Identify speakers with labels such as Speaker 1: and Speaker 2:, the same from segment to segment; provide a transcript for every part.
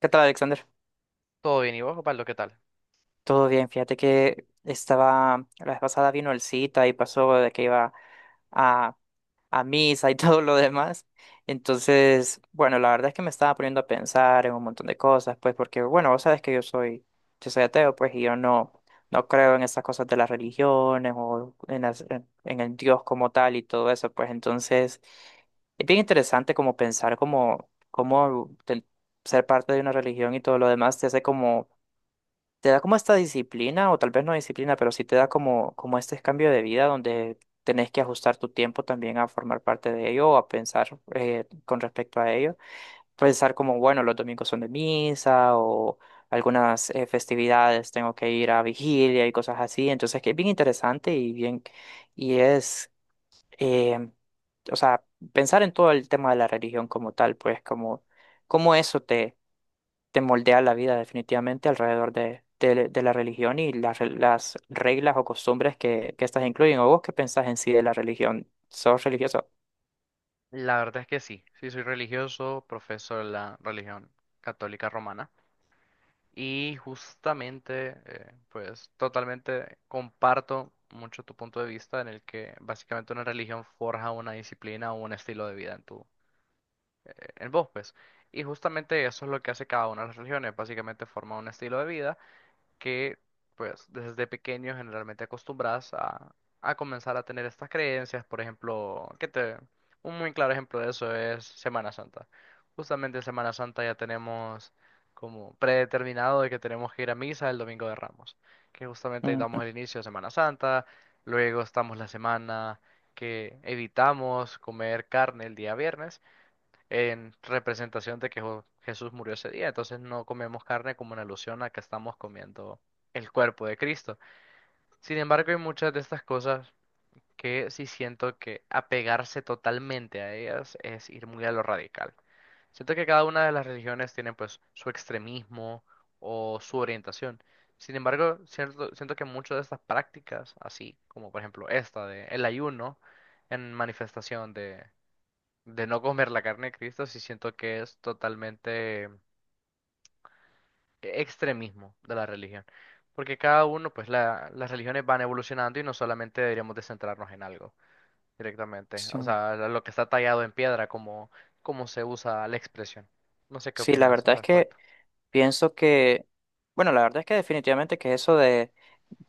Speaker 1: ¿Qué tal, Alexander?
Speaker 2: Todo bien, ¿y vos, Pablo, qué tal?
Speaker 1: Todo bien, fíjate que estaba, la vez pasada vino el cita y pasó de que iba a, a misa y todo lo demás. Entonces, bueno, la verdad es que me estaba poniendo a pensar en un montón de cosas, pues porque, bueno, vos sabes que yo soy ateo, pues, y yo no, no creo en esas cosas de las religiones o en en el Dios como tal y todo eso, pues entonces... Es bien interesante como pensar como cómo ser parte de una religión y todo lo demás te hace como te da como esta disciplina, o tal vez no disciplina, pero sí te da como, como este cambio de vida donde tenés que ajustar tu tiempo también a formar parte de ello o a pensar con respecto a ello. Pensar como, bueno, los domingos son de misa o algunas festividades tengo que ir a vigilia y cosas así. Entonces, que es bien interesante y es, eh, o sea, pensar en todo el tema de la religión como tal, pues como, como eso te moldea la vida definitivamente alrededor de la religión y las reglas o costumbres que estas incluyen. ¿O vos qué pensás en sí de la religión? ¿Sos religioso?
Speaker 2: La verdad es que sí, sí soy religioso, profeso de la religión católica romana y justamente, pues totalmente comparto mucho tu punto de vista en el que básicamente una religión forja una disciplina o un estilo de vida en en vos, pues. Y justamente eso es lo que hace cada una de las religiones, básicamente forma un estilo de vida que pues desde pequeño generalmente acostumbras a comenzar a tener estas creencias. Por ejemplo, un muy claro ejemplo de eso es Semana Santa. Justamente en Semana Santa ya tenemos como predeterminado de que tenemos que ir a misa el domingo de Ramos, que justamente ahí damos
Speaker 1: Ujú.
Speaker 2: el inicio de Semana Santa, luego estamos la semana que evitamos comer carne el día viernes en representación de que Jesús murió ese día. Entonces no comemos carne como en alusión a que estamos comiendo el cuerpo de Cristo. Sin embargo, hay muchas de estas cosas que sí siento que apegarse totalmente a ellas es ir muy a lo radical. Siento que cada una de las religiones tiene pues su extremismo o su orientación. Sin embargo, siento que muchas de estas prácticas, así como por ejemplo esta de el ayuno en manifestación de no comer la carne de Cristo, sí siento que es totalmente extremismo de la religión. Porque cada uno, pues las religiones van evolucionando y no solamente deberíamos de centrarnos en algo directamente.
Speaker 1: Sí.
Speaker 2: O sea, lo que está tallado en piedra, como, como se usa la expresión. No sé qué
Speaker 1: Sí, la
Speaker 2: opinas
Speaker 1: verdad
Speaker 2: al
Speaker 1: es que
Speaker 2: respecto.
Speaker 1: pienso que, bueno, la verdad es que definitivamente que eso de,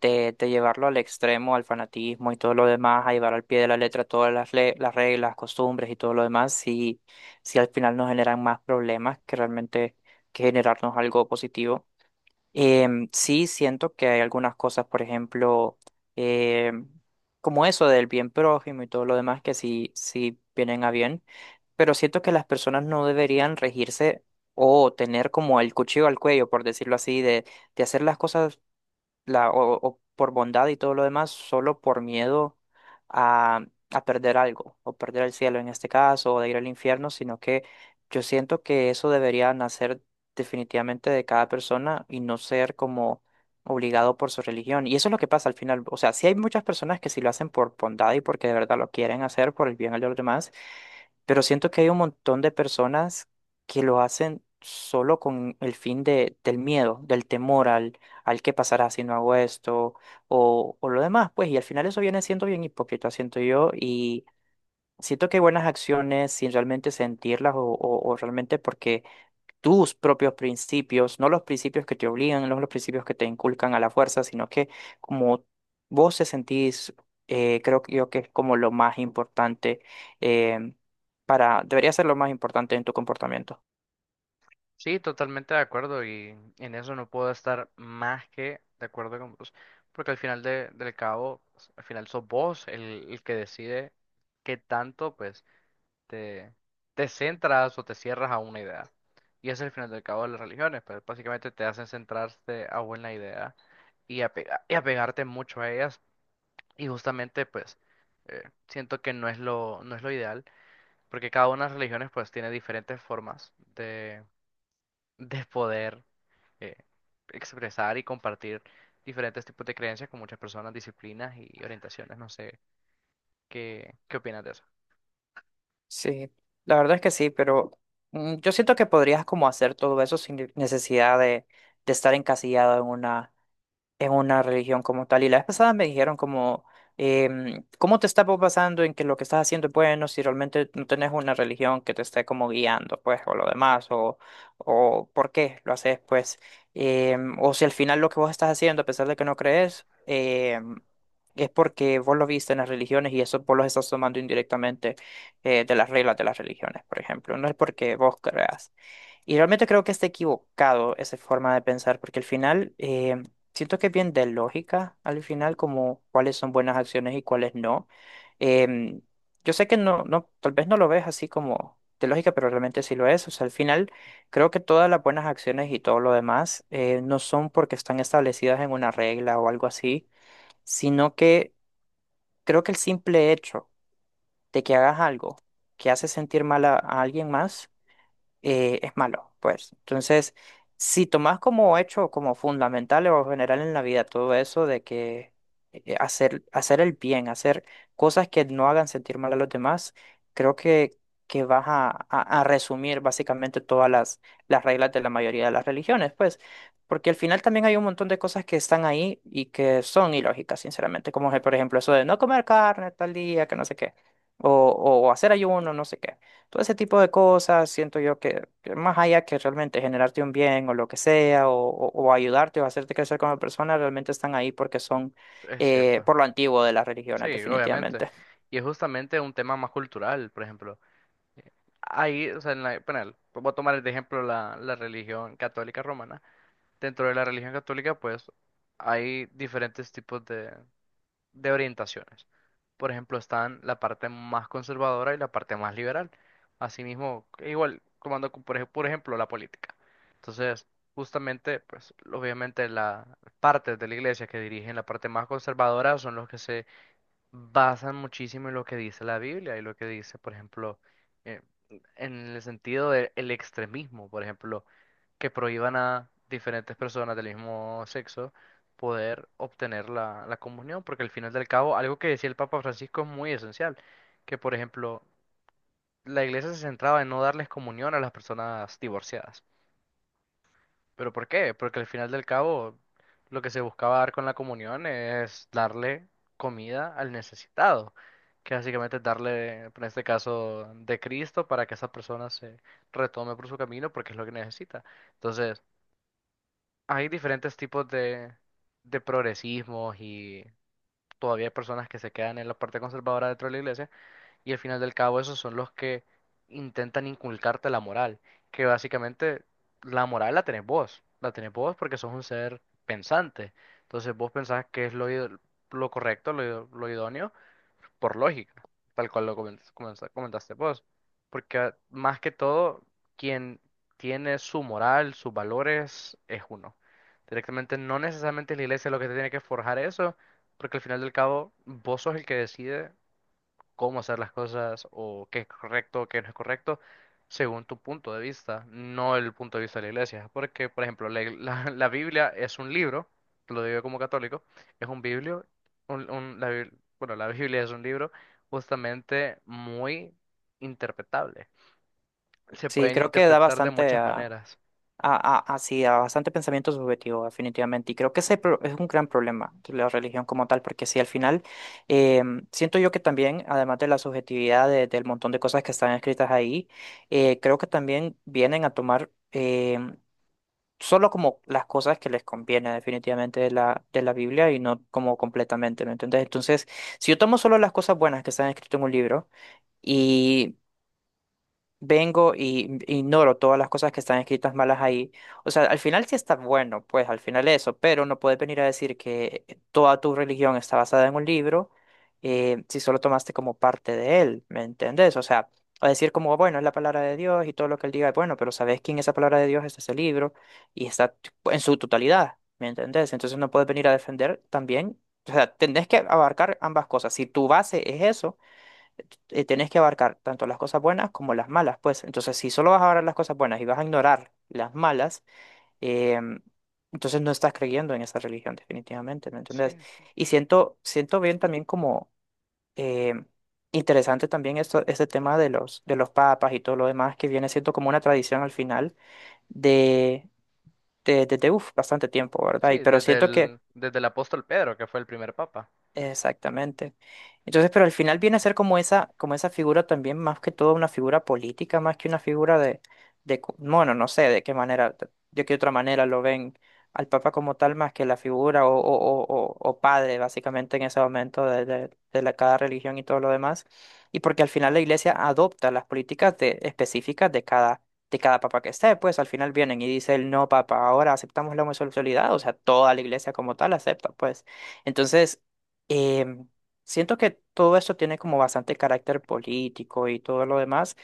Speaker 1: de, de llevarlo al extremo, al fanatismo y todo lo demás, a llevar al pie de la letra todas las reglas, costumbres y todo lo demás, sí, sí al final nos generan más problemas que realmente que generarnos algo positivo. Sí, siento que hay algunas cosas, por ejemplo, em, como eso del bien prójimo y todo lo demás que sí, sí vienen a bien, pero siento que las personas no deberían regirse o tener como el cuchillo al cuello, por decirlo así, de hacer las cosas o por bondad y todo lo demás, solo por miedo a, a perder algo, o perder el cielo en este caso, o de ir al infierno, sino que yo siento que eso debería nacer definitivamente de cada persona y no ser como obligado por su religión. Y eso es lo que pasa al final. O sea, sí hay muchas personas que sí lo hacen por bondad y porque de verdad lo quieren hacer por el bien de los demás, pero siento que hay un montón de personas que lo hacen solo con el fin del miedo, del temor al qué pasará si no hago esto o lo demás, pues, y al final eso viene siendo bien hipócrita, siento yo, y siento que hay buenas acciones sin realmente sentirlas o realmente porque tus propios principios, no los principios que te obligan, no los principios que te inculcan a la fuerza, sino que como vos te sentís, creo que yo que es como lo más importante eh, para, debería ser lo más importante en tu comportamiento.
Speaker 2: Sí, totalmente de acuerdo y en eso no puedo estar más que de acuerdo con vos. Porque al final del cabo, al final sos vos el que decide qué tanto, pues te, te centras o te cierras a una idea. Y ese es el final del cabo de las religiones, pero básicamente te hacen centrarte a una idea y, y apegarte mucho a ellas. Y justamente, pues, siento que no es lo ideal, porque cada una de las religiones, pues, tiene diferentes formas de poder eh, expresar y compartir diferentes tipos de creencias con muchas personas, disciplinas y orientaciones. No sé, ¿qué opinas de eso?
Speaker 1: Sí, la verdad es que sí, pero yo siento que podrías como hacer todo eso sin necesidad de estar encasillado en una religión como tal. Y la vez pasada me dijeron como, ¿cómo te está pasando en que lo que estás haciendo es bueno si realmente no tenés una religión que te esté como guiando, pues, o lo demás, o por qué lo haces, pues? O si al final lo que vos estás haciendo, a pesar de que no crees, es porque vos lo viste en las religiones y eso vos lo estás tomando indirectamente, de las reglas de las religiones, por ejemplo, no es porque vos creas. Y realmente creo que está equivocado esa forma de pensar, porque al final, siento que es bien de lógica, al final, como cuáles son buenas acciones y cuáles no. Em, yo sé que tal vez no lo ves así como de lógica, pero realmente sí lo es. O sea, al final creo que todas las buenas acciones y todo lo demás, no son porque están establecidas en una regla o algo así, sino que creo que el simple hecho de que hagas algo que hace sentir mal a alguien más, es malo, pues. Entonces, si tomas como hecho, como fundamental o general en la vida todo eso de que hacer el bien, hacer cosas que no hagan sentir mal a los demás, creo que vas a resumir básicamente todas las reglas de la mayoría de las religiones, pues. Porque al final también hay un montón de cosas que están ahí y que son ilógicas, sinceramente, como por ejemplo eso de no comer carne tal día, que no sé qué, o, o hacer ayuno, no sé qué. Todo ese tipo de cosas, siento yo que más allá que realmente generarte un bien o lo que sea, o ayudarte o hacerte crecer como persona, realmente están ahí porque son
Speaker 2: Es cierto.
Speaker 1: por lo antiguo de las religiones,
Speaker 2: Sí, obviamente.
Speaker 1: definitivamente.
Speaker 2: Y es justamente un tema más cultural, por ejemplo. Eh, Ahí, o sea, en la, bueno, voy a tomar de ejemplo la religión católica romana. Dentro de la religión católica, pues, hay diferentes tipos de orientaciones. Por ejemplo, están la parte más conservadora y la parte más liberal. Asimismo, igual, tomando como por por ejemplo la política. Entonces, justamente, pues, obviamente las partes de la iglesia que dirigen la parte más conservadora son los que se basan muchísimo en lo que dice la Biblia y lo que dice, por ejemplo, eh, en el sentido del extremismo, por ejemplo, que prohíban a diferentes personas del mismo sexo poder obtener la comunión, porque al final del cabo, algo que decía el Papa Francisco es muy esencial, que por ejemplo, la iglesia se centraba en no darles comunión a las personas divorciadas. ¿Pero por qué? Porque al final del cabo, lo que se buscaba dar con la comunión es darle comida al necesitado, que básicamente es darle, en este caso, de Cristo para que esa persona se retome por su camino porque es lo que necesita. Entonces, hay diferentes tipos de progresismos y todavía hay personas que se quedan en la parte conservadora dentro de la iglesia y al final del cabo, esos son los que intentan inculcarte la moral, que básicamente la moral la tenés vos porque sos un ser pensante. Entonces vos pensás que es lo correcto, lo idóneo, por lógica, tal cual lo comentaste vos. Porque ah, más que todo, quien tiene su moral, sus valores, es uno. Directamente no necesariamente es la iglesia lo que te tiene que forjar eso, porque al final del cabo vos sos el que decide cómo hacer las cosas o qué es correcto, qué no es correcto, según tu punto de vista, no el punto de vista de la iglesia. Porque, por ejemplo, la Biblia es un libro, lo digo como católico, es un biblio, un- un- la Bib- bueno, la Biblia es un libro justamente muy interpretable. Se
Speaker 1: Sí,
Speaker 2: pueden
Speaker 1: creo que da
Speaker 2: interpretar de
Speaker 1: bastante
Speaker 2: muchas maneras.
Speaker 1: a bastante pensamiento subjetivo, definitivamente. Y creo que ese es un gran problema de la religión como tal, porque sí, al final, eh, siento yo que también, además de la subjetividad del montón de cosas que están escritas ahí, creo que también vienen a tomar, solo como las cosas que les conviene definitivamente de de la Biblia y no como completamente, ¿me entiendes? Entonces, si yo tomo solo las cosas buenas que están escritas en un libro, vengo y ignoro todas las cosas que están escritas malas ahí. O sea, al final sí está bueno, pues al final eso, pero no puedes venir a decir que toda tu religión está basada en un libro, si solo tomaste como parte de él, ¿me entendés? O sea, a decir como, bueno, es la palabra de Dios y todo lo que él diga es bueno, pero ¿sabés quién es esa palabra de Dios? Es ese libro y está en su totalidad, ¿me entendés? Entonces no puedes venir a defender también. O sea, tenés que abarcar ambas cosas. Si tu base es eso, tenés que abarcar tanto las cosas buenas como las malas, pues. Entonces, si solo vas a abarcar las cosas buenas y vas a ignorar las malas, em, entonces no estás creyendo en esa religión, definitivamente, ¿me
Speaker 2: Sí,
Speaker 1: entendés? Y siento bien también como em, interesante también esto, este tema de los papas y todo lo demás, que viene siendo como una tradición al final de, uf, bastante tiempo, ¿verdad? Y,
Speaker 2: sí,
Speaker 1: pero siento que
Speaker 2: desde el apóstol Pedro, que fue el primer papa.
Speaker 1: Exactamente. Entonces, pero al final viene a ser como esa figura también, más que todo una figura política, más que una figura bueno, no sé de qué manera, de qué otra manera lo ven al Papa como tal, más que la figura o padre, básicamente, en ese momento de la, cada religión y todo lo demás. Y porque al final la Iglesia adopta las políticas específicas de cada Papa que esté, pues al final vienen y dice el no Papa, ahora aceptamos la homosexualidad, o sea, toda la Iglesia como tal acepta, pues. Entonces, Em, siento que todo esto tiene como bastante carácter político y todo lo demás,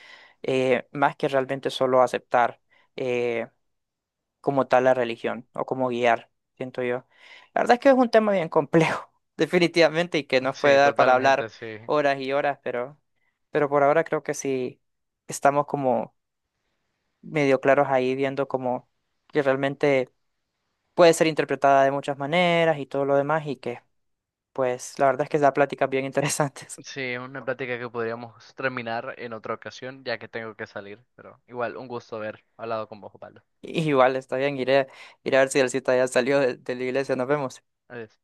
Speaker 1: más que realmente solo aceptar eh, como tal la religión o como guiar, siento yo. La verdad es que es un tema bien complejo, definitivamente, y que nos puede
Speaker 2: Sí,
Speaker 1: dar para hablar
Speaker 2: totalmente, sí.
Speaker 1: horas y horas, pero por ahora creo que sí estamos como medio claros ahí viendo como que realmente puede ser interpretada de muchas maneras y todo lo demás, y que pues la verdad es que da pláticas bien interesantes.
Speaker 2: Sí, es una plática que podríamos terminar en otra ocasión, ya que tengo que salir, pero igual, un gusto haber hablado con vos, Pablo.
Speaker 1: Igual, está bien, iré a ver si el cita ya salió de la iglesia. Nos vemos.
Speaker 2: Adiós.